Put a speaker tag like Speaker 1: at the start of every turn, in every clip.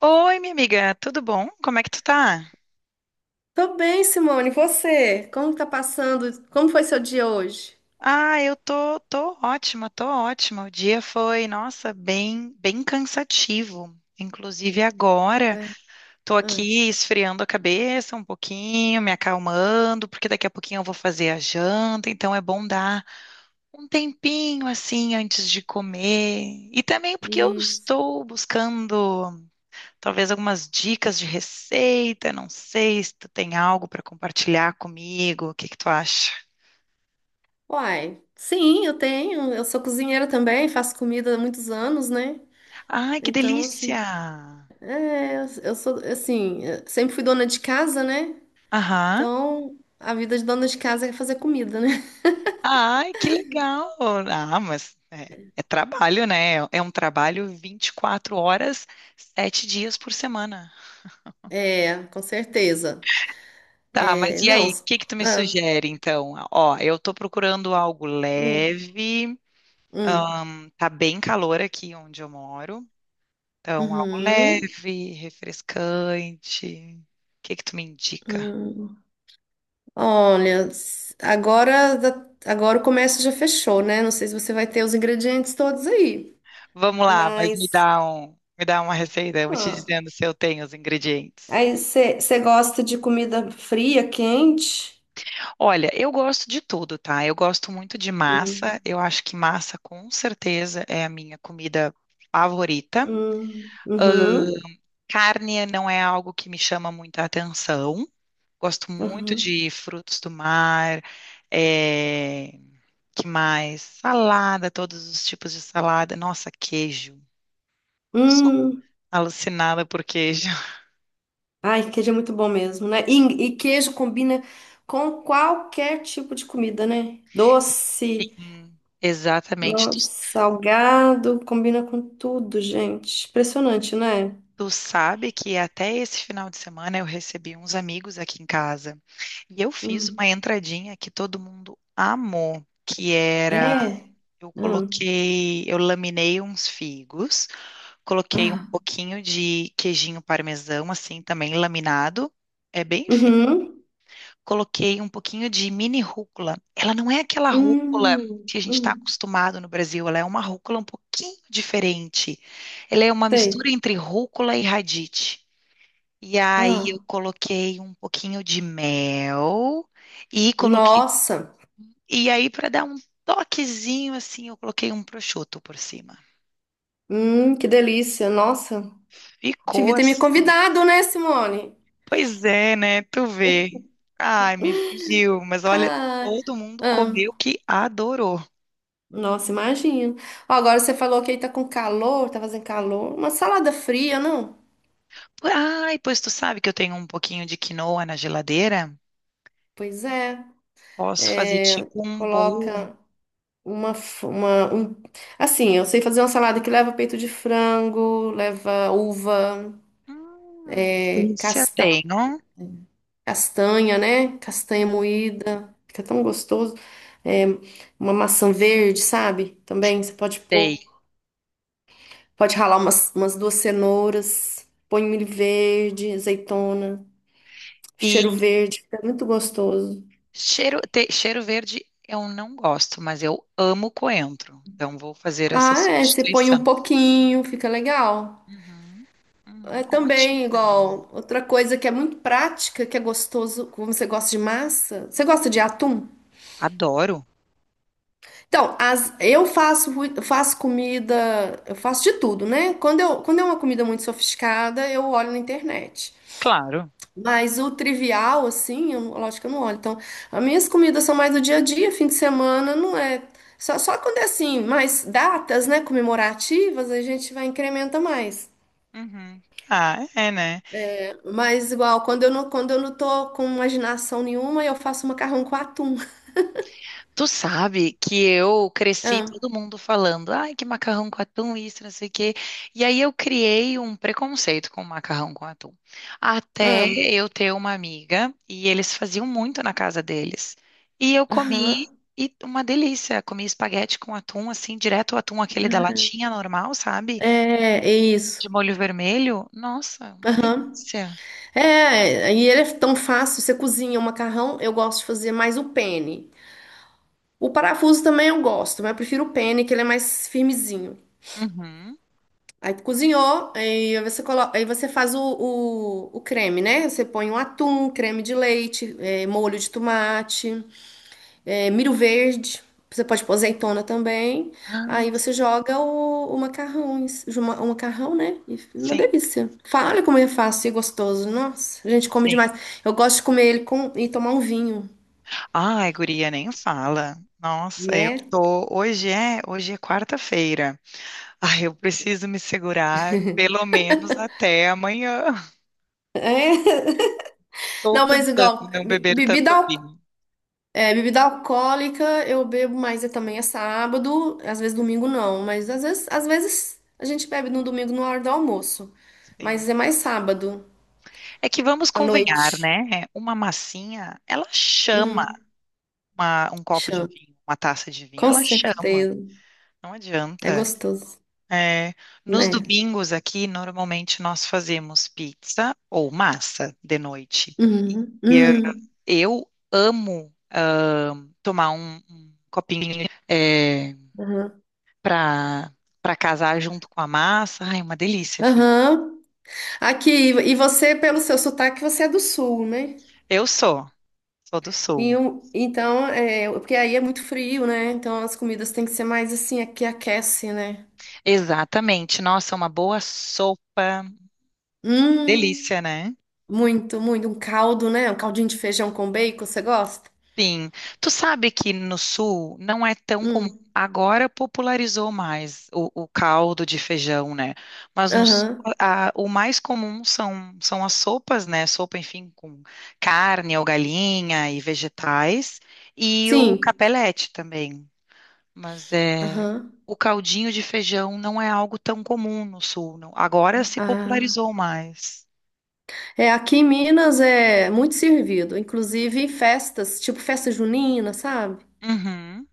Speaker 1: Oi, minha amiga, tudo bom? Como é que tu tá?
Speaker 2: Tô bem, Simone. E você? Como tá passando? Como foi seu dia hoje?
Speaker 1: Ah, eu tô ótima, tô ótima. O dia foi, nossa, bem cansativo. Inclusive agora, tô
Speaker 2: Ah,
Speaker 1: aqui esfriando a cabeça um pouquinho, me acalmando, porque daqui a pouquinho eu vou fazer a janta, então é bom dar um tempinho assim antes de comer. E também porque eu
Speaker 2: isso.
Speaker 1: estou buscando talvez algumas dicas de receita, não sei se tu tem algo para compartilhar comigo, o que que tu acha?
Speaker 2: Uai, sim, eu tenho. Eu sou cozinheira também, faço comida há muitos anos, né?
Speaker 1: Ai, que
Speaker 2: Então, assim,
Speaker 1: delícia!
Speaker 2: eu sou, assim, eu sempre fui dona de casa, né?
Speaker 1: Aham.
Speaker 2: Então, a vida de dona de casa é fazer comida, né?
Speaker 1: Ai, que legal! Ah, mas é, é trabalho, né? É um trabalho 24 horas, 7 dias por semana.
Speaker 2: É, com certeza.
Speaker 1: Tá,
Speaker 2: É,
Speaker 1: mas e
Speaker 2: não.
Speaker 1: aí, o que que tu me
Speaker 2: Ah,
Speaker 1: sugere, então? Ó, eu tô procurando algo
Speaker 2: hum,
Speaker 1: leve,
Speaker 2: hum,
Speaker 1: tá bem calor aqui onde eu moro, então algo
Speaker 2: uhum,
Speaker 1: leve, refrescante. O que que tu me indica?
Speaker 2: hum. Olha, agora, agora o comércio já fechou, né? Não sei se você vai ter os ingredientes todos aí,
Speaker 1: Vamos lá, mas
Speaker 2: mas
Speaker 1: me dá uma receita, eu vou te
Speaker 2: ah,
Speaker 1: dizendo se eu tenho os ingredientes.
Speaker 2: aí você gosta de comida fria, quente?
Speaker 1: Olha, eu gosto de tudo, tá? Eu gosto muito de massa.
Speaker 2: Hum,
Speaker 1: Eu acho que massa, com certeza, é a minha comida favorita.
Speaker 2: uhum,
Speaker 1: Carne não é algo que me chama muita atenção. Gosto muito
Speaker 2: uhum,
Speaker 1: de frutos do mar, é... que mais? Salada, todos os tipos de salada. Nossa, queijo. Sou
Speaker 2: hum.
Speaker 1: alucinada por queijo.
Speaker 2: Ai, queijo é muito bom mesmo, né? E queijo combina com qualquer tipo de comida, né? Doce,
Speaker 1: Sim, exatamente. Tu
Speaker 2: nossa, salgado, combina com tudo, gente. Impressionante, né?
Speaker 1: Tu sabe que até esse final de semana eu recebi uns amigos aqui em casa e eu fiz uma
Speaker 2: Hum.
Speaker 1: entradinha que todo mundo amou, que era
Speaker 2: É. Hum.
Speaker 1: eu laminei uns figos, coloquei um
Speaker 2: Ah.
Speaker 1: pouquinho de queijinho parmesão assim também laminado, é bem fino.
Speaker 2: Uhum.
Speaker 1: Coloquei um pouquinho de mini rúcula. Ela não é aquela rúcula
Speaker 2: Hum.
Speaker 1: que a gente está
Speaker 2: Hum.
Speaker 1: acostumado no Brasil, ela é uma rúcula um pouquinho diferente. Ela é uma mistura
Speaker 2: Sei.
Speaker 1: entre rúcula e radite. E aí eu
Speaker 2: Ah.
Speaker 1: coloquei um pouquinho de mel e coloquei
Speaker 2: Nossa.
Speaker 1: e aí para dar um toquezinho assim, eu coloquei um prosciutto por cima.
Speaker 2: Que delícia. Nossa.
Speaker 1: Ficou
Speaker 2: Devia ter me
Speaker 1: assim.
Speaker 2: convidado, né, Simone?
Speaker 1: Pois é, né? Tu vê. Ai, me fugiu, mas olha,
Speaker 2: Ah.
Speaker 1: todo mundo comeu
Speaker 2: Ah.
Speaker 1: que adorou.
Speaker 2: Nossa, imagino. Ó, agora você falou que aí tá com calor, tá fazendo calor. Uma salada fria, não?
Speaker 1: Ai, pois tu sabe que eu tenho um pouquinho de quinoa na geladeira?
Speaker 2: Pois é.
Speaker 1: Posso fazer
Speaker 2: É,
Speaker 1: tipo um bowl.
Speaker 2: coloca uma assim, eu sei fazer uma salada que leva peito de frango, leva uva,
Speaker 1: Que
Speaker 2: é,
Speaker 1: delícia. Tenho.
Speaker 2: castanha, né? Castanha
Speaker 1: Hum,
Speaker 2: moída, fica tão gostoso. É, uma maçã verde, sabe? Também você pode
Speaker 1: Sei.
Speaker 2: pôr, pode ralar umas duas cenouras, põe um milho verde, azeitona, cheiro
Speaker 1: E
Speaker 2: verde, fica muito gostoso.
Speaker 1: Cheiro verde eu não gosto, mas eu amo coentro. Então vou fazer essa
Speaker 2: Ah, é, você põe um
Speaker 1: substituição.
Speaker 2: pouquinho, fica legal.
Speaker 1: Uhum.
Speaker 2: É
Speaker 1: Ótima
Speaker 2: também
Speaker 1: ideia.
Speaker 2: igual outra coisa que é muito prática, que é gostoso, como você gosta de massa. Você gosta de atum?
Speaker 1: Adoro.
Speaker 2: Então, eu faço, faço comida, eu faço de tudo, né? Quando é uma comida muito sofisticada, eu olho na internet.
Speaker 1: Claro.
Speaker 2: Mas o trivial, assim, eu, não- lógico que eu não olho. Então, as minhas comidas são mais do dia a dia, fim de semana, não é. Só quando é assim, mais datas, né, comemorativas, a gente vai incrementa mais.
Speaker 1: Uhum. Ah, é, né?
Speaker 2: Mas igual, quando eu não tô com imaginação nenhuma, eu faço macarrão com atum.
Speaker 1: Tu sabe que eu cresci
Speaker 2: Amo,
Speaker 1: todo mundo falando, ai, que macarrão com atum, isso, não sei o quê. E aí eu criei um preconceito com macarrão com atum. Até
Speaker 2: amo.
Speaker 1: eu ter uma amiga, e eles faziam muito na casa deles. E eu comi,
Speaker 2: Aham.
Speaker 1: e uma delícia. Comi espaguete com atum, assim, direto o atum, aquele da latinha normal, sabe?
Speaker 2: É, é isso.
Speaker 1: De molho vermelho. Nossa, uma
Speaker 2: Aham.
Speaker 1: delícia.
Speaker 2: É, e ele é tão fácil. Você cozinha o macarrão, eu gosto de fazer mais o penne. O parafuso também eu gosto, mas eu prefiro o penne, que ele é mais firmezinho.
Speaker 1: Uhum.
Speaker 2: Aí cozinhou, aí você coloca, aí você faz o creme, né? Você põe um atum, creme de leite, molho de tomate. Milho verde. Você pode pôr azeitona também. Aí
Speaker 1: Ai,
Speaker 2: você joga o macarrão, né? E fica uma
Speaker 1: sim,
Speaker 2: delícia. Olha como é fácil e gostoso. Nossa, a gente come
Speaker 1: sim.
Speaker 2: demais. Eu gosto de comer ele e tomar um vinho,
Speaker 1: Ai, guria, nem fala. Nossa, eu
Speaker 2: né?
Speaker 1: tô. Hoje é quarta-feira. Ai, eu preciso me segurar pelo menos até amanhã.
Speaker 2: É.
Speaker 1: Estou
Speaker 2: Não, mas
Speaker 1: tentando
Speaker 2: igual,
Speaker 1: não beber tanto vinho.
Speaker 2: bebida alcoólica eu bebo mais também é sábado, às vezes domingo não, mas às vezes a gente bebe no domingo na hora do almoço.
Speaker 1: Sim.
Speaker 2: Mas é mais sábado,
Speaker 1: É que vamos
Speaker 2: à
Speaker 1: convenhar,
Speaker 2: noite.
Speaker 1: né? Uma massinha, ela chama
Speaker 2: Hum.
Speaker 1: um copo de vinho, uma taça de vinho,
Speaker 2: Com
Speaker 1: ela chama.
Speaker 2: certeza.
Speaker 1: Não
Speaker 2: É
Speaker 1: adianta.
Speaker 2: gostoso,
Speaker 1: É, nos
Speaker 2: né?
Speaker 1: domingos aqui, normalmente nós fazemos pizza ou massa de noite.
Speaker 2: Uhum,
Speaker 1: E eu
Speaker 2: uhum,
Speaker 1: eu amo um copinho é,
Speaker 2: uhum.
Speaker 1: para para casar junto com a massa. Ai, uma delícia, fica.
Speaker 2: Aham. Aqui, e você, pelo seu sotaque, você é do sul, né?
Speaker 1: Eu sou, sou do
Speaker 2: E
Speaker 1: sul.
Speaker 2: eu- então, é, porque aí é muito frio, né? Então as comidas têm que ser mais assim, é que aquece, né?
Speaker 1: Exatamente. Nossa, uma boa sopa.
Speaker 2: Hum.
Speaker 1: Delícia, né?
Speaker 2: Muito, muito. Um caldo, né? Um caldinho de feijão com bacon, você gosta?
Speaker 1: Sim. Tu sabe que no sul não é tão comum.
Speaker 2: Hum.
Speaker 1: Agora popularizou mais o caldo de feijão, né? Mas no sul,
Speaker 2: Aham.
Speaker 1: o mais comum são, são as sopas, né? Sopa, enfim, com carne ou galinha e vegetais. E o
Speaker 2: Sim.
Speaker 1: capelete também. Mas é,
Speaker 2: Aham.
Speaker 1: o caldinho de feijão não é algo tão comum no sul, não. Agora se
Speaker 2: Ah.
Speaker 1: popularizou mais.
Speaker 2: É, aqui em Minas é muito servido, inclusive em festas, tipo festa junina, sabe?
Speaker 1: Uhum,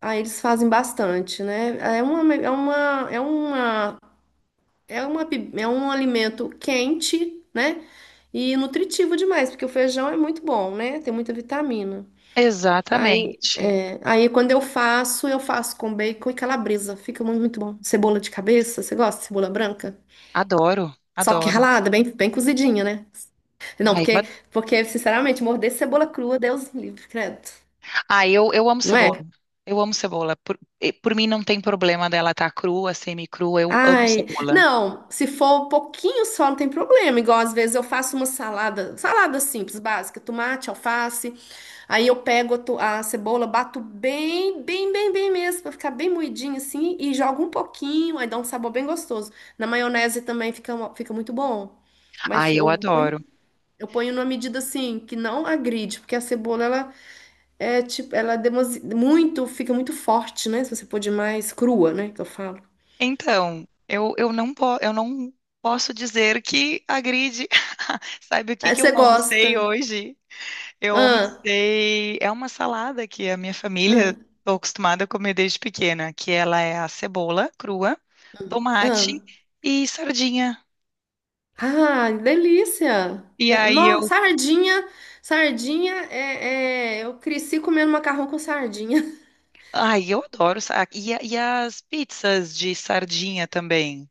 Speaker 2: Ah, eles fazem bastante, né? É uma, é um alimento quente, né? E nutritivo demais, porque o feijão é muito bom, né? Tem muita vitamina. Aí,
Speaker 1: exatamente.
Speaker 2: é, aí quando eu faço com bacon e calabresa. Fica muito, muito bom. Cebola de cabeça, você gosta de cebola branca?
Speaker 1: Adoro,
Speaker 2: Só que
Speaker 1: adoro.
Speaker 2: ralada, bem, bem cozidinha, né? Não,
Speaker 1: Ai, eu,
Speaker 2: porque,
Speaker 1: ad-
Speaker 2: porque, sinceramente, morder cebola crua, Deus me livre, credo.
Speaker 1: ai, eu amo
Speaker 2: Não é?
Speaker 1: cebola. Eu amo cebola. E por mim não tem problema dela estar crua, semi-crua. Eu amo
Speaker 2: Ai,
Speaker 1: cebola.
Speaker 2: não, se for um pouquinho só, não tem problema. Igual às vezes eu faço uma salada, salada simples, básica, tomate, alface. Aí eu pego a cebola, bato bem, bem, bem, bem mesmo, pra ficar bem moidinha assim, e jogo um pouquinho, aí dá um sabor bem gostoso. Na maionese também fica muito bom. Mas
Speaker 1: Ai, eu
Speaker 2: eu ponho,
Speaker 1: adoro.
Speaker 2: eu ponho numa medida assim, que não agride, porque a cebola, ela é muito, fica muito forte, né? Se você pôr demais crua, né? Que eu falo.
Speaker 1: Eu não posso dizer que agride. Sabe o que
Speaker 2: Aí
Speaker 1: que
Speaker 2: você
Speaker 1: eu almocei
Speaker 2: gosta.
Speaker 1: hoje? Eu
Speaker 2: Ah,
Speaker 1: almocei. É uma salada que a minha família
Speaker 2: ah,
Speaker 1: estou acostumada a comer desde pequena, que ela é a cebola crua,
Speaker 2: ah.
Speaker 1: tomate e sardinha.
Speaker 2: Ah, delícia!
Speaker 1: E aí eu,
Speaker 2: Nossa, sardinha, sardinha, eu cresci comendo macarrão com sardinha.
Speaker 1: ai, eu adoro. E as pizzas de sardinha também,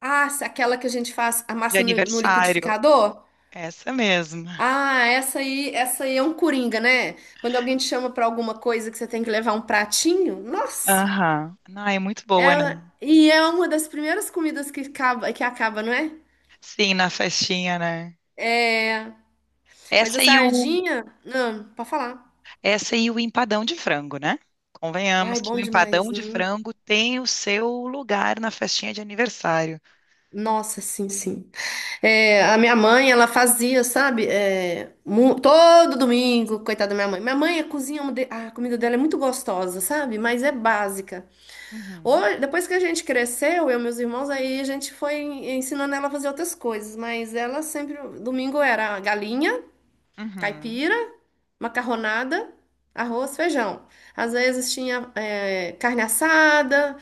Speaker 2: Ah, aquela que a gente faz a
Speaker 1: de
Speaker 2: massa no
Speaker 1: aniversário.
Speaker 2: liquidificador?
Speaker 1: Essa mesmo.
Speaker 2: Ah, essa aí é um coringa, né? Quando alguém te chama pra alguma coisa que você tem que levar um pratinho, nossa!
Speaker 1: Aham. Ah, é muito boa, né?
Speaker 2: E é uma das primeiras comidas que acaba, não é?
Speaker 1: Sim, na festinha, né?
Speaker 2: Mas a
Speaker 1: Essa e o
Speaker 2: sardinha, não, pode falar.
Speaker 1: Essa e o empadão de frango, né?
Speaker 2: Ai,
Speaker 1: Convenhamos que o
Speaker 2: bom demais.
Speaker 1: empadão de
Speaker 2: Hum.
Speaker 1: frango tem o seu lugar na festinha de aniversário.
Speaker 2: Nossa, sim, sim. É, a minha mãe, ela fazia, sabe? É, todo domingo, coitada da minha mãe. Minha mãe cozinha, a comida dela é muito gostosa, sabe? Mas é básica.
Speaker 1: Uhum,
Speaker 2: Hoje, depois que a gente cresceu, eu e meus irmãos, aí a gente foi ensinando ela a fazer outras coisas. Mas ela sempre, domingo era galinha,
Speaker 1: uhum,
Speaker 2: caipira, macarronada, arroz, feijão. Às vezes tinha, carne assada,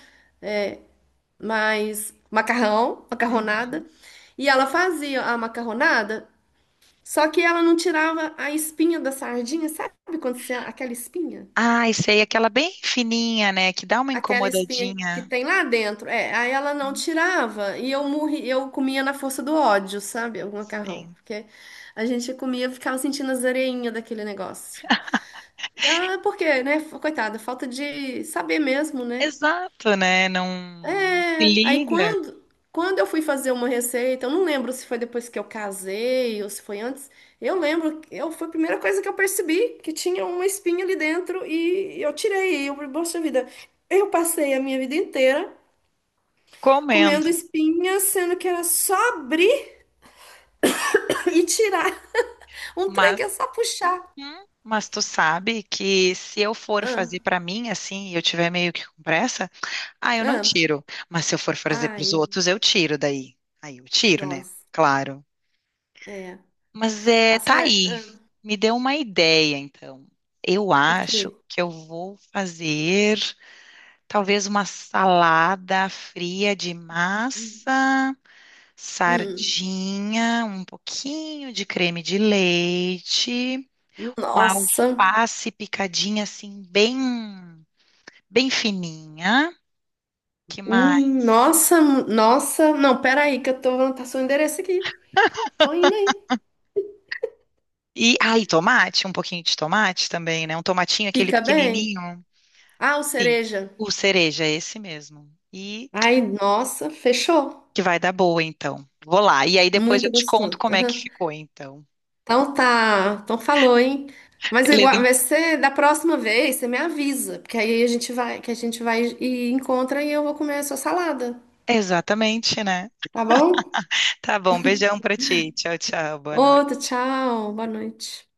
Speaker 2: mas macarrão, macarronada.
Speaker 1: uhum.
Speaker 2: E ela fazia a macarronada. Só que ela não tirava a espinha da sardinha, sabe quando você, aquela espinha?
Speaker 1: Ai, sei, aquela bem fininha, né? Que dá uma
Speaker 2: Aquela espinha que
Speaker 1: incomodadinha.
Speaker 2: tem lá dentro. É, aí ela não
Speaker 1: Hum,
Speaker 2: tirava e eu morri, eu comia na força do ódio, sabe? O macarrão.
Speaker 1: Sim.
Speaker 2: Porque a gente comia, ficava sentindo as areinhas daquele negócio. Porque, né? Coitada, falta de saber mesmo, né?
Speaker 1: Exato, né? Não se
Speaker 2: É, aí
Speaker 1: liga
Speaker 2: quando eu fui fazer uma receita, eu não lembro se foi depois que eu casei ou se foi antes. Eu lembro, que eu foi a primeira coisa que eu percebi que tinha uma espinha ali dentro e eu tirei. E eu, falei, poxa vida, eu passei a minha vida inteira
Speaker 1: comendo.
Speaker 2: comendo espinha, sendo que era só abrir e tirar. Um trem
Speaker 1: Mas,
Speaker 2: que é só puxar.
Speaker 1: uhum, mas tu sabe que se eu for
Speaker 2: Ah,
Speaker 1: fazer pra mim assim, e eu tiver meio que com pressa. Ah, eu não
Speaker 2: ah,
Speaker 1: tiro. Mas se eu for fazer para os
Speaker 2: ai,
Speaker 1: outros, eu tiro daí. Aí eu tiro, né?
Speaker 2: nossa,
Speaker 1: Claro.
Speaker 2: é.
Speaker 1: Mas é, tá
Speaker 2: Assar,
Speaker 1: aí. Me deu uma ideia, então. Eu
Speaker 2: o quê?
Speaker 1: acho que eu vou fazer talvez uma salada fria de
Speaker 2: Hum,
Speaker 1: massa,
Speaker 2: hum,
Speaker 1: sardinha, um pouquinho de creme de leite, uma
Speaker 2: nossa.
Speaker 1: alface picadinha assim bem fininha. Que mais?
Speaker 2: Nossa, nossa. Não, peraí, que eu tô vou anotar seu endereço aqui. Tô indo aí.
Speaker 1: E aí, tomate, um pouquinho de tomate também, né? Um tomatinho, aquele
Speaker 2: Fica bem.
Speaker 1: pequenininho.
Speaker 2: Ah, o
Speaker 1: Sim,
Speaker 2: cereja.
Speaker 1: o cereja, é esse mesmo. E
Speaker 2: Ai, nossa, fechou.
Speaker 1: que vai dar boa, então. Vou lá. E aí depois eu
Speaker 2: Muito
Speaker 1: te conto
Speaker 2: gostoso.
Speaker 1: como é que
Speaker 2: Aham.
Speaker 1: ficou, então.
Speaker 2: Então tá. Então falou, hein? Mas
Speaker 1: Beleza?
Speaker 2: igual, vai ser da próxima vez, você me avisa, porque aí a gente vai, que a gente vai e encontra e eu vou comer a sua salada,
Speaker 1: Exatamente, né?
Speaker 2: tá bom?
Speaker 1: Tá bom, beijão pra ti. Tchau, tchau. Boa noite.
Speaker 2: Outro, tchau, boa noite.